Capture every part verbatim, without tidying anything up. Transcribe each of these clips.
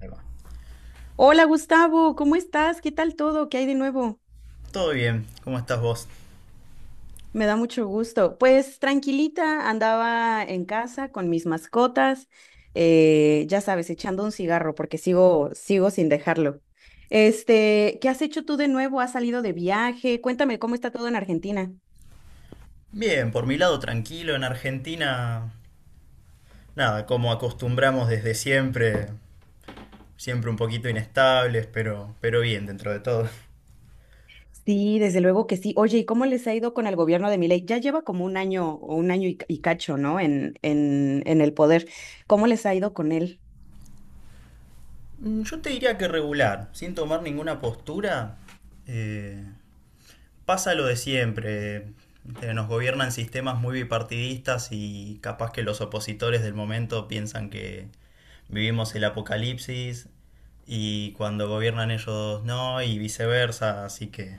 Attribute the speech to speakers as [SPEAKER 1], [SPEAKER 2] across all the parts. [SPEAKER 1] Ahí va.
[SPEAKER 2] Hola Gustavo, ¿cómo estás? ¿Qué tal todo? ¿Qué hay de nuevo?
[SPEAKER 1] Todo bien, ¿cómo estás vos?
[SPEAKER 2] Me da mucho gusto. Pues tranquilita, andaba en casa con mis mascotas, eh, ya sabes, echando un cigarro porque sigo, sigo sin dejarlo. Este, ¿qué has hecho tú de nuevo? ¿Has salido de viaje? Cuéntame cómo está todo en Argentina.
[SPEAKER 1] Bien, por mi lado tranquilo, en Argentina, nada, como acostumbramos desde siempre, siempre un poquito inestables, pero, pero bien dentro de todo.
[SPEAKER 2] Sí, desde luego que sí. Oye, ¿y cómo les ha ido con el gobierno de Milei? Ya lleva como un año o un año y, y cacho, ¿no? En, en, en el poder. ¿Cómo les ha ido con él?
[SPEAKER 1] Mm, yo te diría que regular, sin tomar ninguna postura. eh, Pasa lo de siempre. eh, Nos gobiernan sistemas muy bipartidistas y capaz que los opositores del momento piensan que vivimos el apocalipsis, y cuando gobiernan ellos no, y viceversa, así que...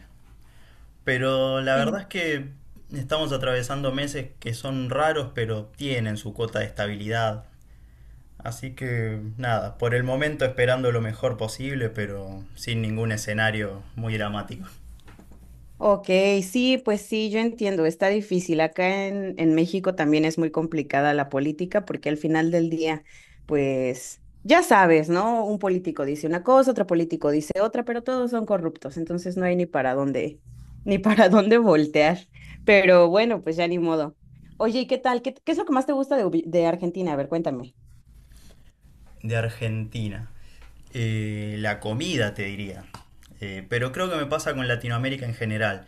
[SPEAKER 1] Pero la verdad es que estamos atravesando meses que son raros, pero tienen su cuota de estabilidad. Así que nada, por el momento esperando lo mejor posible, pero sin ningún escenario muy dramático.
[SPEAKER 2] Ok, sí, pues sí, yo entiendo, está difícil. Acá en, en México también es muy complicada la política porque al final del día, pues ya sabes, ¿no? Un político dice una cosa, otro político dice otra, pero todos son corruptos, entonces no hay ni para dónde, ni para dónde voltear. Pero bueno, pues ya ni modo. Oye, ¿y qué tal? ¿Qué, qué es lo que más te gusta de, Ubi- de Argentina? A ver, cuéntame.
[SPEAKER 1] De Argentina. Eh, la comida, te diría. Eh, pero creo que me pasa con Latinoamérica en general.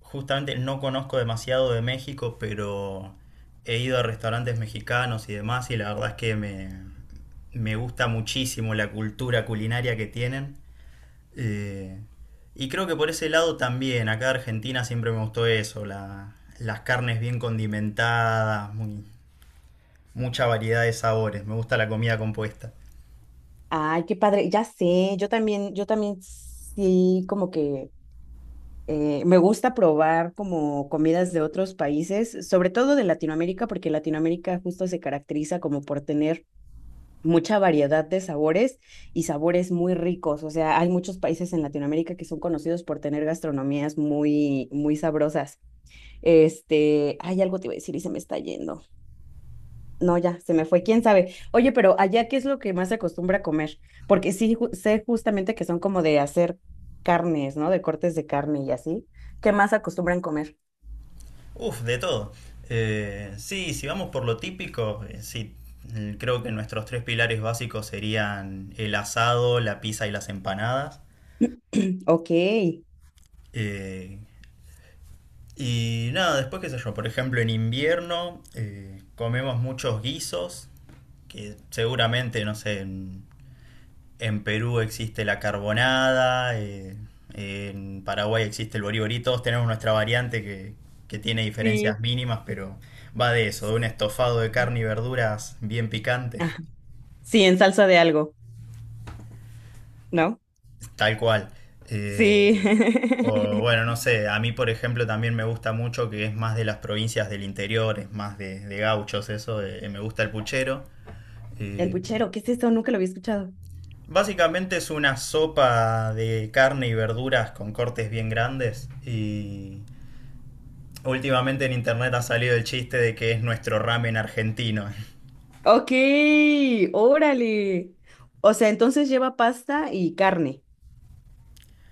[SPEAKER 1] Justamente no conozco demasiado de México, pero he ido a restaurantes mexicanos y demás, y la verdad es que me, me gusta muchísimo la cultura culinaria que tienen. Eh, y creo que por ese lado también, acá en Argentina siempre me gustó eso, la- las carnes bien condimentadas, muy- mucha variedad de sabores, me gusta la comida compuesta.
[SPEAKER 2] Ay, qué padre, ya sé, yo también, yo también sí, como que Eh, me gusta probar como comidas de otros países, sobre todo de Latinoamérica, porque Latinoamérica justo se caracteriza como por tener mucha variedad de sabores y sabores muy ricos. O sea, hay muchos países en Latinoamérica que son conocidos por tener gastronomías muy, muy sabrosas. Este, hay algo te iba a decir y se me está yendo. No, ya, se me fue, quién sabe. Oye, pero allá, ¿qué es lo que más se acostumbra a comer? Porque sí, ju- sé justamente que son como de hacer carnes, ¿no? De cortes de carne y así. ¿Qué más acostumbran comer?
[SPEAKER 1] Uf, de todo. Eh, sí, si vamos por lo típico, eh, sí, mm, creo que nuestros tres pilares básicos serían el asado, la pizza y las empanadas.
[SPEAKER 2] Ok.
[SPEAKER 1] Eh, y nada, después qué sé yo, por ejemplo, en invierno eh, comemos muchos guisos, que seguramente, no sé... En Perú existe la carbonada, eh, en Paraguay existe el boriborí, todos tenemos nuestra variante que, que tiene
[SPEAKER 2] Sí.
[SPEAKER 1] diferencias mínimas, pero va de eso, de un estofado de carne y verduras bien picante.
[SPEAKER 2] Ah, sí, en salsa de algo, ¿no?
[SPEAKER 1] Tal cual. Eh,
[SPEAKER 2] Sí.
[SPEAKER 1] o bueno, no sé, a mí por ejemplo también me gusta mucho que es más de las provincias del interior, es más de, de gauchos eso, de- eh, me gusta el puchero.
[SPEAKER 2] El
[SPEAKER 1] Eh,
[SPEAKER 2] puchero, ¿qué es esto? Nunca lo había escuchado.
[SPEAKER 1] básicamente es una sopa de carne y verduras con cortes bien grandes, y últimamente en internet ha salido el chiste de que es nuestro ramen argentino.
[SPEAKER 2] Ok, órale. O sea, entonces lleva pasta y carne.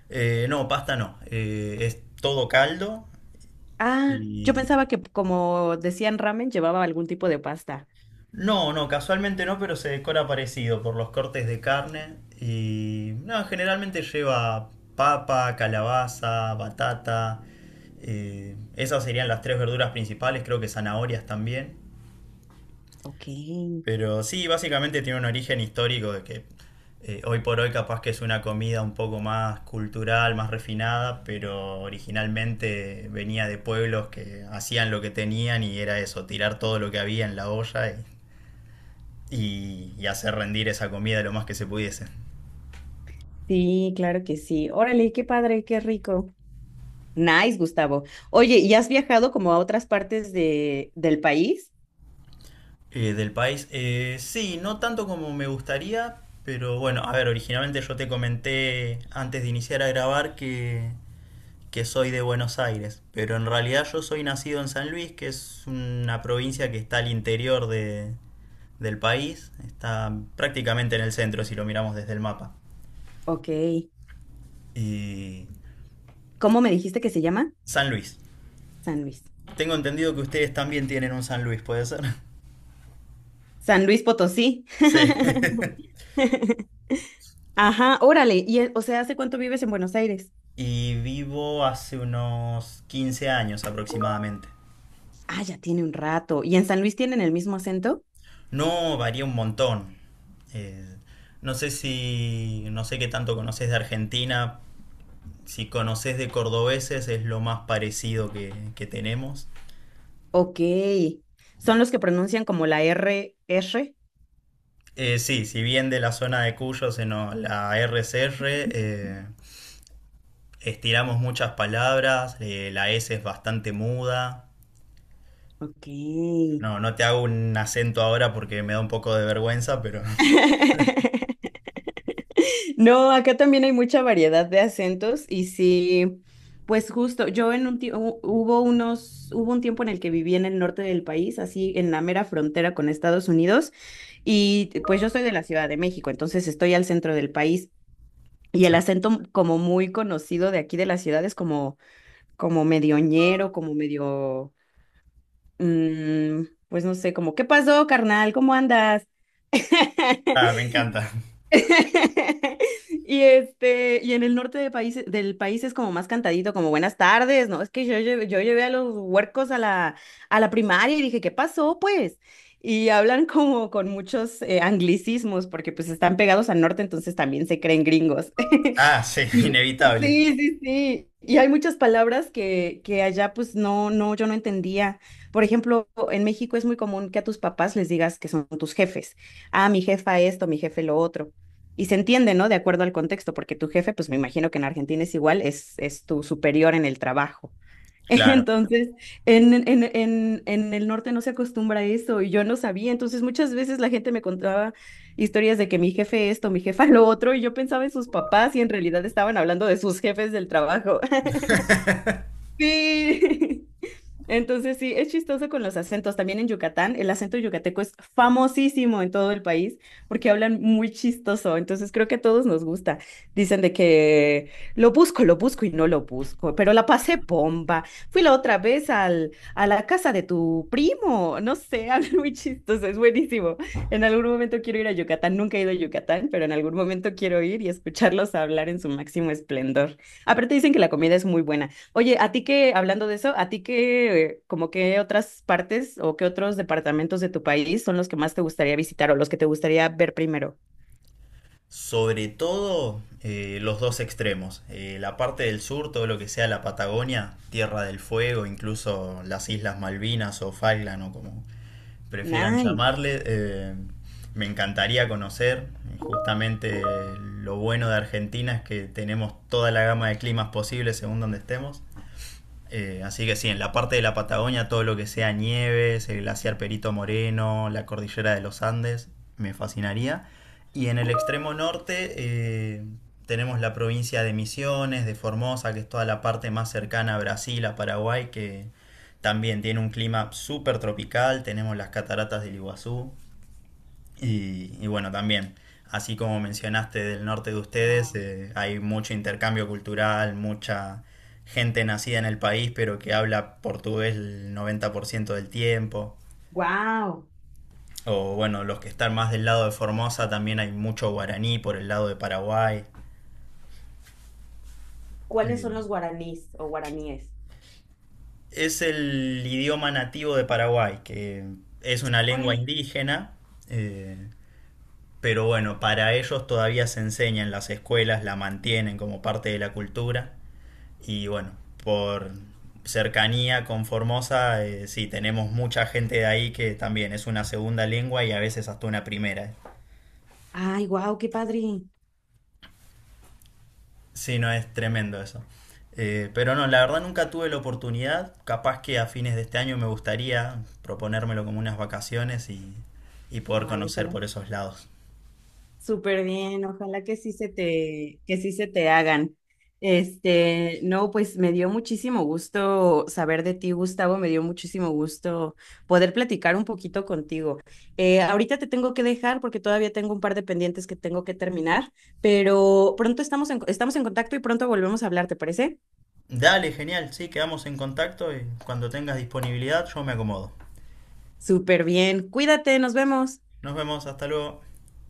[SPEAKER 1] Eh, no, pasta no. Eh, es todo caldo
[SPEAKER 2] Ah, yo
[SPEAKER 1] y...
[SPEAKER 2] pensaba que como decían ramen, llevaba algún tipo de pasta.
[SPEAKER 1] No, no, casualmente no, pero se decora parecido por los cortes de carne y... No, generalmente lleva papa, calabaza, batata. Eh, esas serían las tres verduras principales, creo que zanahorias también.
[SPEAKER 2] Ok.
[SPEAKER 1] Pero sí, básicamente tiene un origen histórico de que eh, hoy por hoy capaz que es una comida un poco más cultural, más refinada, pero originalmente venía de pueblos que hacían lo que tenían y era eso, tirar todo lo que había en la olla y, y- y hacer rendir esa comida lo más que se pudiese.
[SPEAKER 2] Sí, claro que sí. Órale, qué padre, qué rico. Nice, Gustavo. Oye, ¿y has viajado como a otras partes de, del país?
[SPEAKER 1] Eh, del país, eh, sí, no tanto como me gustaría, pero bueno, a ver, originalmente yo te comenté antes de iniciar a grabar que que soy de Buenos Aires, pero en realidad yo soy nacido en San Luis, que es una provincia que está al interior de, del país, está prácticamente en el centro si lo miramos desde el mapa.
[SPEAKER 2] Ok.
[SPEAKER 1] Y
[SPEAKER 2] ¿Cómo me dijiste que se llama?
[SPEAKER 1] San Luis.
[SPEAKER 2] San Luis.
[SPEAKER 1] Tengo entendido que ustedes también tienen un San Luis, ¿puede ser?
[SPEAKER 2] San Luis Potosí.
[SPEAKER 1] Sí.
[SPEAKER 2] Ajá, órale. Y, eh, o sea, ¿hace cuánto vives en Buenos Aires?
[SPEAKER 1] Y vivo hace unos quince años aproximadamente.
[SPEAKER 2] Ah, ya tiene un rato. ¿Y en San Luis tienen el mismo acento?
[SPEAKER 1] No varía un montón. Eh, no sé si, no sé qué tanto conoces de Argentina, si conoces de cordobeses es lo más parecido que, que tenemos.
[SPEAKER 2] Ok. ¿Son los que pronuncian como la R, R?
[SPEAKER 1] Eh, sí, si bien de la zona de Cuyo, se nos- la R C R, eh, estiramos muchas palabras, eh, la S es bastante muda.
[SPEAKER 2] Ok.
[SPEAKER 1] No, no te hago un acento ahora porque me da un poco de vergüenza, pero
[SPEAKER 2] No, acá también hay mucha variedad de acentos y sí, pues justo, yo en un tiempo, hubo unos, hubo un tiempo en el que viví en el norte del país, así en la mera frontera con Estados Unidos, y pues yo soy de la Ciudad de México, entonces estoy al centro del país y el
[SPEAKER 1] sí.
[SPEAKER 2] acento como muy conocido de aquí de la ciudad es como, como medio ñero, como medio, mm, pues no sé, como, ¿qué pasó, carnal? ¿Cómo andas?
[SPEAKER 1] Ah, me encanta.
[SPEAKER 2] Y este, y en el norte de país, del país es como más cantadito, como buenas tardes, ¿no? Es que yo, llevé- yo llevé a los huercos a la, a la primaria y dije, ¿qué pasó, pues? Y hablan como con muchos eh, anglicismos, porque pues están pegados al norte, entonces también se creen gringos.
[SPEAKER 1] Ah, sí,
[SPEAKER 2] Y,
[SPEAKER 1] inevitable.
[SPEAKER 2] sí, sí, sí. Y hay muchas palabras que, que allá pues no, no, yo no entendía. Por ejemplo, en México es muy común que a tus papás les digas que son tus jefes. Ah, mi jefa esto, mi jefe lo otro. Y se entiende, ¿no? De acuerdo al contexto, porque tu jefe, pues me imagino que en Argentina es igual, es, es tu superior en el trabajo.
[SPEAKER 1] Claro.
[SPEAKER 2] Entonces, en, en, en, en en el norte no se acostumbra a eso y yo no sabía. Entonces, muchas veces la gente me contaba historias de que mi jefe esto, mi jefa lo otro, y yo pensaba en sus papás y en realidad estaban hablando de sus jefes del trabajo. Sí. Entonces, sí, es chistoso con los acentos. También en Yucatán, el acento yucateco es famosísimo en todo el país porque hablan muy chistoso. Entonces, creo que a todos nos gusta. Dicen de que lo busco, lo busco y no lo busco, pero la pasé bomba. Fui la otra vez al, a la casa de tu primo. No sé, hablan muy chistoso, es buenísimo. En algún momento quiero ir a Yucatán. Nunca he ido a Yucatán, pero en algún momento quiero ir y escucharlos hablar en su máximo esplendor. Aparte, dicen que la comida es muy buena. Oye, a ti que, hablando de eso, a ti que, eh, ¿como qué otras partes o qué otros departamentos de tu país son los que más te gustaría visitar o los que te gustaría ver primero?
[SPEAKER 1] Sobre todo eh, los dos extremos. Eh, la parte del sur, todo lo que sea la Patagonia, Tierra del Fuego, incluso las Islas Malvinas o Falkland o como prefieran
[SPEAKER 2] Nice.
[SPEAKER 1] llamarle, eh, me encantaría conocer. Justamente eh, lo bueno de Argentina es que tenemos toda la gama de climas posibles según donde estemos. Eh, así que sí, en la parte de la Patagonia, todo lo que sea nieves, el glaciar Perito Moreno, la cordillera de los Andes, me fascinaría. Y en el extremo norte eh, tenemos la provincia de Misiones, de Formosa, que es toda la parte más cercana a Brasil, a Paraguay, que también tiene un clima súper tropical, tenemos las cataratas del Iguazú, y, y bueno, también, así como mencionaste del norte de ustedes,
[SPEAKER 2] Wow.
[SPEAKER 1] eh, hay mucho intercambio cultural, mucha gente nacida en el país, pero que habla portugués el noventa por ciento del tiempo.
[SPEAKER 2] Wow.
[SPEAKER 1] O bueno, los que están más del lado de Formosa, también hay mucho guaraní por el lado de Paraguay.
[SPEAKER 2] ¿Cuáles
[SPEAKER 1] Eh,
[SPEAKER 2] son los guaraníes o guaraníes?
[SPEAKER 1] es el idioma nativo de Paraguay, que es una lengua
[SPEAKER 2] Órale.
[SPEAKER 1] indígena, eh, pero bueno, para ellos todavía se enseña en las escuelas, la mantienen como parte de la cultura. Y bueno, por cercanía con Formosa, eh, sí, tenemos mucha gente de ahí que también es una segunda lengua y a veces hasta una primera.
[SPEAKER 2] Ay, wow, qué padre.
[SPEAKER 1] Sí, no, es tremendo eso. Eh, pero no, la verdad nunca tuve la oportunidad. Capaz que a fines de este año me gustaría proponérmelo como unas vacaciones y, y poder
[SPEAKER 2] Ay,
[SPEAKER 1] conocer
[SPEAKER 2] ojalá.
[SPEAKER 1] por esos lados.
[SPEAKER 2] Súper bien, ojalá que sí se te, que sí se te hagan. Este, no, pues me dio muchísimo gusto saber de ti, Gustavo, me dio muchísimo gusto poder platicar un poquito contigo. Eh, ahorita te tengo que dejar porque todavía tengo un par de pendientes que tengo que terminar, pero pronto estamos en, estamos en contacto y pronto volvemos a hablar, ¿te parece?
[SPEAKER 1] Dale, genial, sí, quedamos en contacto y cuando tengas disponibilidad yo me acomodo.
[SPEAKER 2] Súper bien, cuídate, nos vemos.
[SPEAKER 1] Nos vemos, hasta luego.